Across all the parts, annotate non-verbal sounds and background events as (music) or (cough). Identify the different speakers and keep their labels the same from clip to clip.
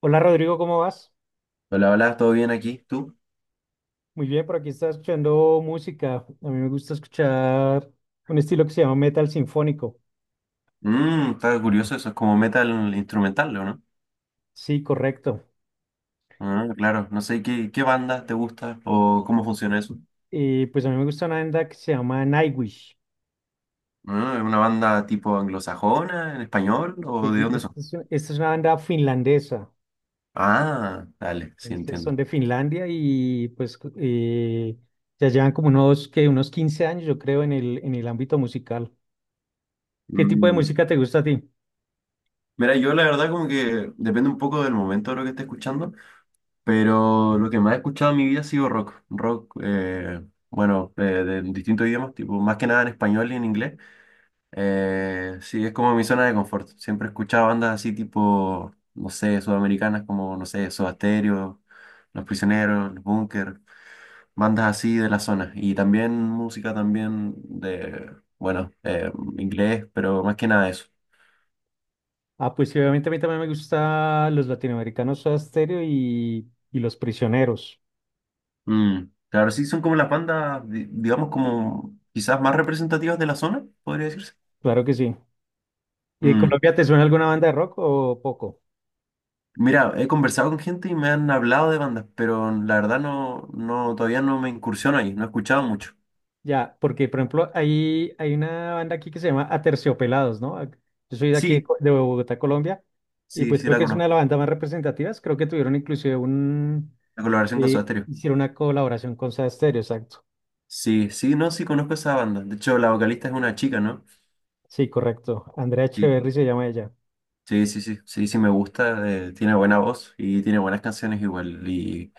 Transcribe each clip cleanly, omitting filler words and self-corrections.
Speaker 1: Hola Rodrigo, ¿cómo vas?
Speaker 2: Hola, hola, ¿todo bien aquí? ¿Tú?
Speaker 1: Muy bien, por aquí estaba escuchando música. A mí me gusta escuchar un estilo que se llama metal sinfónico.
Speaker 2: Está curioso, eso es como metal instrumental, ¿o no?
Speaker 1: Sí, correcto.
Speaker 2: Ah, claro, no sé qué banda te gusta o cómo funciona eso.
Speaker 1: Y pues a mí me gusta una banda que se llama Nightwish.
Speaker 2: Ah, ¿es una banda tipo anglosajona, en español o de
Speaker 1: Y
Speaker 2: dónde son?
Speaker 1: Esta es, esta es una banda finlandesa.
Speaker 2: Ah, dale, sí
Speaker 1: Entonces
Speaker 2: entiendo.
Speaker 1: son de Finlandia y pues ya llevan como unos, que unos 15 años, yo creo, en el ámbito musical. ¿Qué tipo de
Speaker 2: Mm.
Speaker 1: música te gusta a ti?
Speaker 2: Mira, yo la verdad como que depende un poco del momento de lo que esté escuchando, pero lo que más he escuchado en mi vida ha sido rock, rock, bueno, de distintos idiomas, tipo más que nada en español y en inglés. Sí, es como mi zona de confort. Siempre he escuchado bandas así tipo, no sé, sudamericanas como, no sé, Soda Stereo, Los Prisioneros, Los Búnker, bandas así de la zona. Y también música también de, bueno, inglés, pero más que nada eso.
Speaker 1: Ah, pues sí, obviamente a mí también me gusta los latinoamericanos Soda Stereo y Los Prisioneros.
Speaker 2: Claro, sí, son como las bandas, digamos, como quizás más representativas de la zona, podría decirse.
Speaker 1: Claro que sí. ¿Y de
Speaker 2: Mm,
Speaker 1: Colombia te suena alguna banda de rock o poco?
Speaker 2: Mira, he conversado con gente y me han hablado de bandas, pero la verdad no, no, todavía no me incursiono ahí, no he escuchado mucho.
Speaker 1: Ya, porque por ejemplo, hay una banda aquí que se llama Aterciopelados, ¿no? Yo soy de aquí,
Speaker 2: Sí,
Speaker 1: De Bogotá, Colombia, y
Speaker 2: sí,
Speaker 1: pues
Speaker 2: sí
Speaker 1: creo
Speaker 2: la
Speaker 1: que es una
Speaker 2: conozco.
Speaker 1: de las bandas más representativas. Creo que tuvieron inclusive un,
Speaker 2: La colaboración con Soda Stereo.
Speaker 1: hicieron una colaboración con Soda Stereo, exacto.
Speaker 2: Sí, sí, no, sí conozco esa banda. De hecho, la vocalista es una chica, ¿no?
Speaker 1: Sí, correcto. Andrea
Speaker 2: Sí,
Speaker 1: Echeverry se llama ella.
Speaker 2: sí, sí, sí, sí, sí me gusta. Tiene buena voz y tiene buenas canciones igual. Y,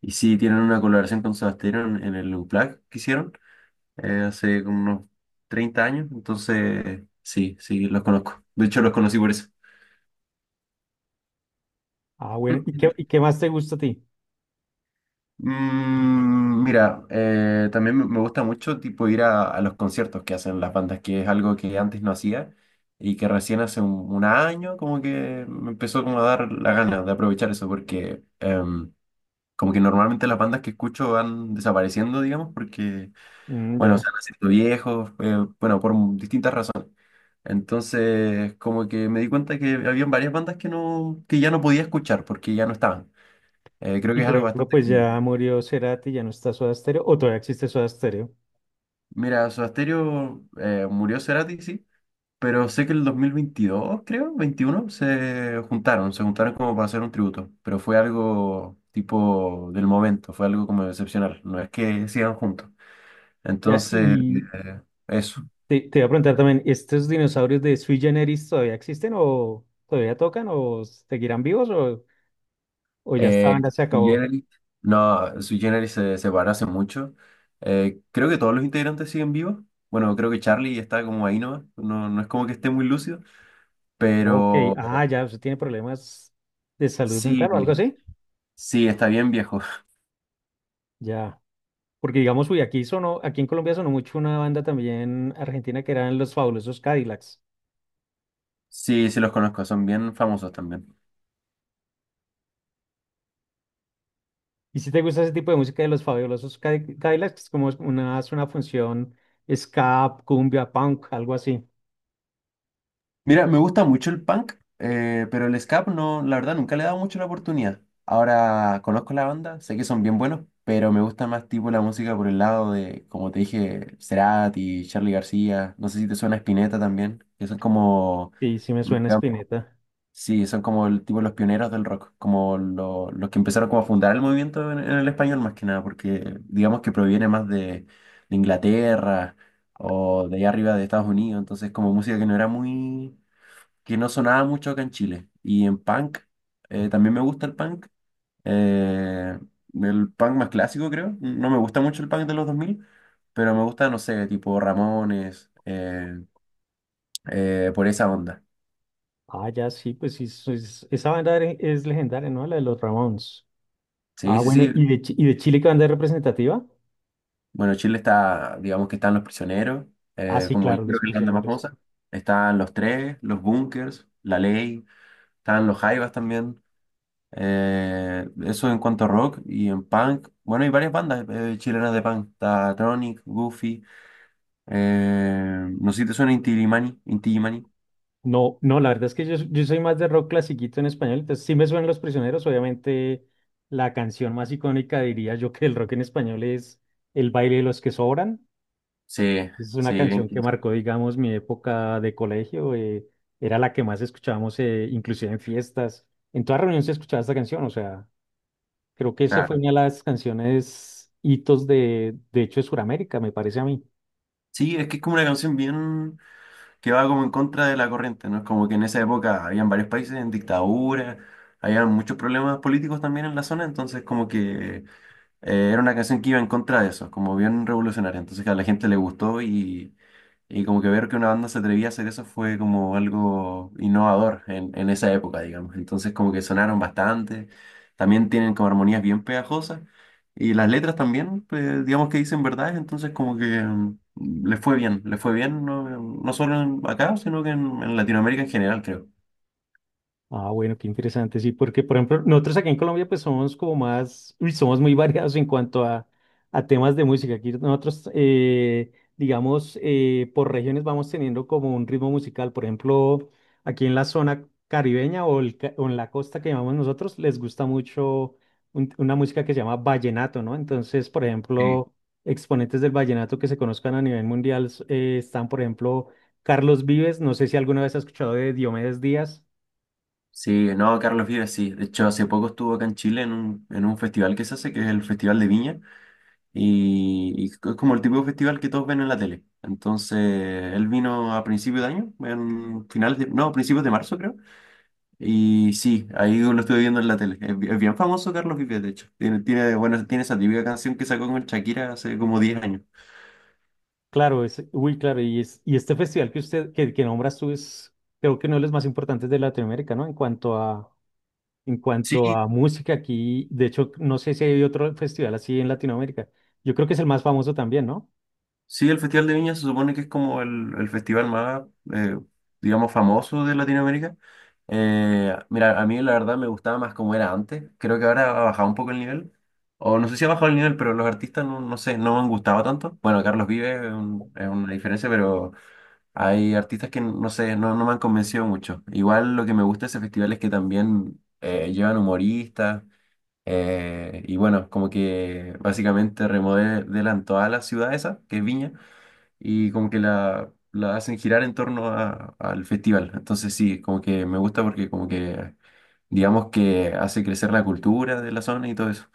Speaker 2: y sí, tienen una colaboración con Soda Stereo en el Unplugged que hicieron hace como unos 30 años. Entonces, sí, sí, los conozco. De hecho, los conocí por eso.
Speaker 1: Ah, bueno, ¿y qué, y
Speaker 2: (clears throat)
Speaker 1: qué más te gusta a ti?
Speaker 2: Mira, también me gusta mucho tipo ir a los conciertos que hacen las bandas, que es algo que antes no hacía y que recién hace un año como que me empezó como a dar la gana de aprovechar eso, porque como que normalmente las bandas que escucho van desapareciendo, digamos, porque,
Speaker 1: Mm,
Speaker 2: bueno, se
Speaker 1: ya.
Speaker 2: van haciendo viejos, bueno, por distintas razones. Entonces, como que me di cuenta que había varias bandas que no, que ya no podía escuchar porque ya no estaban. Creo que
Speaker 1: Y
Speaker 2: es
Speaker 1: por
Speaker 2: algo
Speaker 1: ejemplo,
Speaker 2: bastante
Speaker 1: pues
Speaker 2: común.
Speaker 1: ya murió Cerati, ya no está Soda Stereo, o todavía existe Soda Stereo.
Speaker 2: Mira, Soda Stereo murió Cerati, sí, pero sé que en el 2022, creo, 21 se juntaron como para hacer un tributo, pero fue algo tipo del momento, fue algo como excepcional, no es que sigan juntos.
Speaker 1: Ya,
Speaker 2: Entonces,
Speaker 1: y,
Speaker 2: eso.
Speaker 1: te iba a preguntar también, ¿estos dinosaurios de sui generis todavía existen o todavía tocan o seguirán vivos o ya esta
Speaker 2: Eh,
Speaker 1: banda se
Speaker 2: Sui
Speaker 1: acabó?
Speaker 2: Generis- no, Sui Generis se separó hace mucho. Creo que todos los integrantes siguen vivos. Bueno, creo que Charlie está como ahí nomás, no, no es como que esté muy lúcido,
Speaker 1: Ok,
Speaker 2: pero
Speaker 1: ah, ya, usted tiene problemas de salud mental o algo
Speaker 2: sí,
Speaker 1: así.
Speaker 2: sí, está bien viejo.
Speaker 1: Ya, porque digamos, uy, aquí sonó, aquí en Colombia sonó mucho una banda también argentina que eran Los Fabulosos Cadillacs.
Speaker 2: Sí, sí los conozco, son bien famosos también.
Speaker 1: Y si te gusta ese tipo de música de Cadillacs, es como una, es una función ska, cumbia, punk, algo así.
Speaker 2: Mira, me gusta mucho el punk, pero el ska no, la verdad nunca le he dado mucho la oportunidad. Ahora conozco la banda, sé que son bien buenos, pero me gusta más tipo la música por el lado de, como te dije, Cerati, Charly García, no sé si te suena Spinetta también, que son como,
Speaker 1: Sí, sí me suena
Speaker 2: digamos,
Speaker 1: Spinetta.
Speaker 2: sí, son como el tipo los pioneros del rock, como los que empezaron como a fundar el movimiento en el español más que nada, porque digamos que proviene más de Inglaterra o de allá arriba de Estados Unidos, entonces como música que no era muy, que no sonaba mucho acá en Chile. Y en punk, también me gusta eh, el punk más clásico creo, no me gusta mucho el punk de los dos mil, pero me gusta, no sé, tipo Ramones, por esa onda.
Speaker 1: Ah, ya sí, pues sí, es legendaria, ¿no? La de los Ramones.
Speaker 2: Sí,
Speaker 1: Ah,
Speaker 2: sí,
Speaker 1: bueno,
Speaker 2: sí.
Speaker 1: ¿y de Chile qué banda es representativa?
Speaker 2: Bueno, Chile está, digamos que están Los Prisioneros,
Speaker 1: Ah, sí,
Speaker 2: como yo
Speaker 1: claro, Los
Speaker 2: creo que es la banda más
Speaker 1: Prisioneros.
Speaker 2: famosa. Están Los Tres, Los Bunkers, La Ley, están Los Jaivas también. Eso en cuanto a rock y en punk. Bueno, hay varias bandas chilenas de punk. Está Tronic, Goofy. No sé si te suena Inti Illimani. Inti Illimani.
Speaker 1: No, no, la verdad es que yo soy más de rock clasiquito en español, entonces sí me suenan Los Prisioneros, obviamente la canción más icónica diría yo que el rock en español es El baile de los que sobran.
Speaker 2: Sí,
Speaker 1: Es
Speaker 2: sí,
Speaker 1: una
Speaker 2: bien.
Speaker 1: canción que marcó, digamos, mi época de colegio, era la que más escuchábamos, inclusive en fiestas. En toda reunión se escuchaba esta canción, o sea, creo que esa fue
Speaker 2: Claro.
Speaker 1: una de las canciones hitos de hecho, de Sudamérica, me parece a mí.
Speaker 2: Sí, es que es como una canción bien, que va como en contra de la corriente, ¿no? Es como que en esa época habían varios países en dictadura, había muchos problemas políticos también en la zona, entonces como que era una canción que iba en contra de eso, como bien revolucionaria. Entonces a la gente le gustó, y como que ver que una banda se atrevía a hacer eso fue como algo innovador en esa época, digamos. Entonces como que sonaron bastante, también tienen como armonías bien pegajosas y las letras también, pues, digamos que dicen verdades, entonces como que les fue bien no, no solo acá, sino que en Latinoamérica en general, creo.
Speaker 1: Ah, bueno, qué interesante, sí, porque por ejemplo, nosotros aquí en Colombia pues somos como más, uy, somos muy (laughs) variados en cuanto a temas de música. Aquí nosotros, digamos, por regiones vamos teniendo como un ritmo musical. Por ejemplo, aquí en la zona caribeña o, o en la costa que llamamos nosotros, les gusta mucho una música que se llama vallenato, ¿no? Entonces, por
Speaker 2: Sí.
Speaker 1: ejemplo, exponentes del vallenato que se conozcan a nivel mundial están, por ejemplo, Carlos Vives, no sé si alguna vez has escuchado de Diomedes Díaz.
Speaker 2: Sí, no, Carlos Vives sí. De hecho, hace poco estuvo acá en Chile en un festival que se hace, que es el Festival de Viña. Y es como el tipo de festival que todos ven en la tele. Entonces, él vino a principios de año, en finales de, no, principios de marzo creo. Y sí, ahí lo estuve viendo en la tele. Es bien famoso Carlos Vives, de hecho. Tiene esa típica canción que sacó con Shakira hace como 10 años.
Speaker 1: Claro, es, uy, claro, y, es, y este festival que usted, que nombras tú es, creo que uno de los más importantes de Latinoamérica, ¿no? En cuanto
Speaker 2: Sí,
Speaker 1: a música aquí, de hecho, no sé si hay otro festival así en Latinoamérica. Yo creo que es el más famoso también, ¿no?
Speaker 2: sí, el Festival de Viña se supone que es como el festival más, eh, digamos, famoso de Latinoamérica. Mira, a mí la verdad me gustaba más como era antes. Creo que ahora ha bajado un poco el nivel. O no sé si ha bajado el nivel, pero los artistas no, no sé, no me han gustado tanto. Bueno, Carlos Vives es una diferencia, pero hay artistas que no sé, no, no me han convencido mucho. Igual lo que me gusta de ese festival es que también llevan humoristas. Y bueno, como que básicamente remodelan toda la ciudad esa, que es Viña y como que la hacen girar en torno al festival. Entonces sí, como que me gusta porque como que digamos que hace crecer la cultura de la zona y todo eso.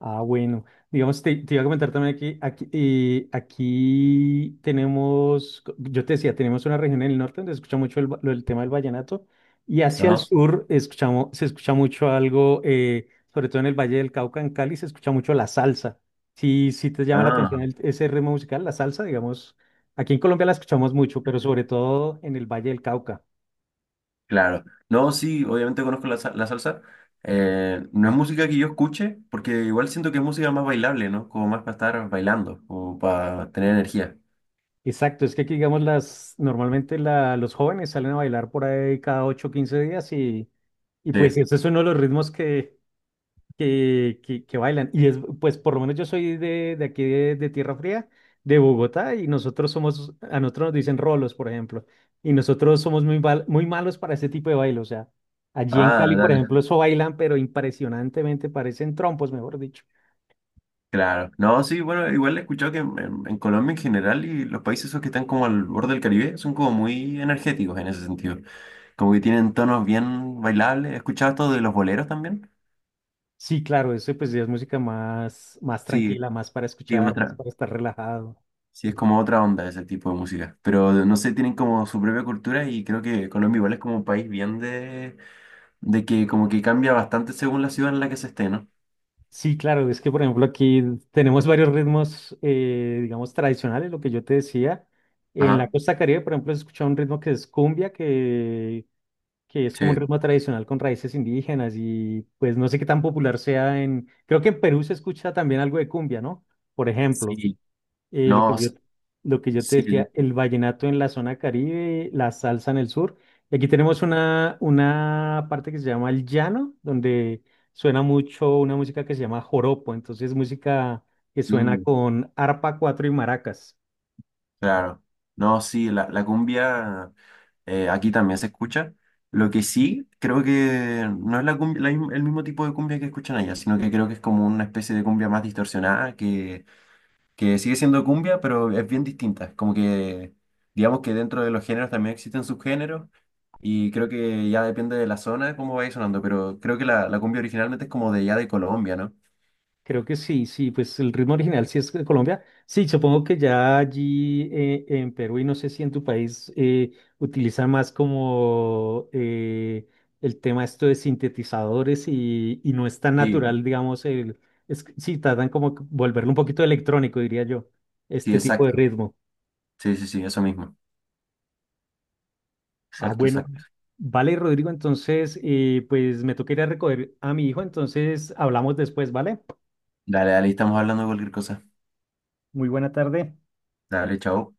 Speaker 1: Ah, bueno. Digamos, te iba a comentar también aquí, aquí, aquí tenemos, yo te decía, tenemos una región en el norte donde se escucha mucho el, lo del tema del vallenato y hacia el
Speaker 2: Ajá.
Speaker 1: sur escuchamos, se escucha mucho algo, sobre todo en el Valle del Cauca, en Cali, se escucha mucho la salsa. Si te llama la
Speaker 2: Ah,
Speaker 1: atención ese ritmo musical, la salsa, digamos, aquí en Colombia la escuchamos mucho, pero sobre todo en el Valle del Cauca.
Speaker 2: claro. No, sí, obviamente conozco la salsa. No es música que yo escuche, porque igual siento que es música más bailable, ¿no? Como más para estar bailando, como para tener energía.
Speaker 1: Exacto, es que aquí, digamos, las, normalmente la, los jóvenes salen a bailar por ahí cada 8 o 15 días y pues
Speaker 2: Sí.
Speaker 1: ese es uno de los ritmos que bailan. Y es, pues por lo menos yo soy de aquí de Tierra Fría, de Bogotá, y nosotros somos, a nosotros nos dicen rolos, por ejemplo, y nosotros somos muy, muy malos para ese tipo de baile. O sea, allí en
Speaker 2: Ah,
Speaker 1: Cali, por ejemplo, eso bailan, pero impresionantemente parecen trompos, mejor dicho.
Speaker 2: claro, no, sí, bueno, igual he escuchado que en Colombia en general y los países esos que están como al borde del Caribe son como muy energéticos en ese sentido, como que tienen tonos bien bailables. ¿He escuchado esto de los boleros también?
Speaker 1: Sí, claro, eso pues ya es música más, más
Speaker 2: Sí,
Speaker 1: tranquila, más para
Speaker 2: sí,
Speaker 1: escuchar, más para estar relajado.
Speaker 2: sí, es como otra onda ese tipo de música, pero no sé, tienen como su propia cultura y creo que Colombia igual es como un país bien de, que como que cambia bastante según la ciudad en la que se esté, ¿no?
Speaker 1: Sí, claro, es que por ejemplo aquí tenemos varios ritmos, digamos, tradicionales, lo que yo te decía. En la
Speaker 2: Ajá,
Speaker 1: costa Caribe, por ejemplo, se escucha un ritmo que es cumbia, que es como un
Speaker 2: sí,
Speaker 1: ritmo tradicional con raíces indígenas y pues no sé qué tan popular sea en... Creo que en Perú se escucha también algo de cumbia, ¿no? Por ejemplo.
Speaker 2: sí,
Speaker 1: Eh, lo que
Speaker 2: no,
Speaker 1: yo,
Speaker 2: sí,
Speaker 1: lo que yo te
Speaker 2: sí.
Speaker 1: decía, el vallenato en la zona Caribe, la salsa en el sur. Y aquí tenemos una parte que se llama el llano, donde suena mucho una música que se llama joropo, entonces música que suena
Speaker 2: Mm.
Speaker 1: con arpa, cuatro y maracas.
Speaker 2: Claro. No, sí, la cumbia aquí también se escucha. Lo que sí, creo que no es la cumbia- la misma- el mismo tipo de cumbia que escuchan allá, sino que creo que es como una especie de cumbia más distorsionada, que sigue siendo cumbia, pero es bien distinta. Es como que, digamos que dentro de los géneros también existen subgéneros, y creo que ya depende de la zona cómo vaya sonando, pero creo que la cumbia originalmente es como de ya de Colombia, ¿no?
Speaker 1: Creo que sí, sí, pues el ritmo original sí es de Colombia. Sí, supongo que ya allí en Perú y no sé si en tu país utilizan más como el tema esto de sintetizadores y no es tan
Speaker 2: Sí,
Speaker 1: natural, digamos, el, es, que sí, tratan como que volverlo un poquito electrónico, diría yo,
Speaker 2: sí,
Speaker 1: este tipo de
Speaker 2: exacto.
Speaker 1: ritmo.
Speaker 2: Sí, sí, sí, eso mismo.
Speaker 1: Ah,
Speaker 2: Exacto,
Speaker 1: bueno.
Speaker 2: exacto.
Speaker 1: Vale, Rodrigo, entonces, pues me toca ir a recoger a mi hijo, entonces hablamos después, ¿vale?
Speaker 2: Dale, dale, ahí estamos hablando de cualquier cosa.
Speaker 1: Muy buena tarde.
Speaker 2: Dale, chao.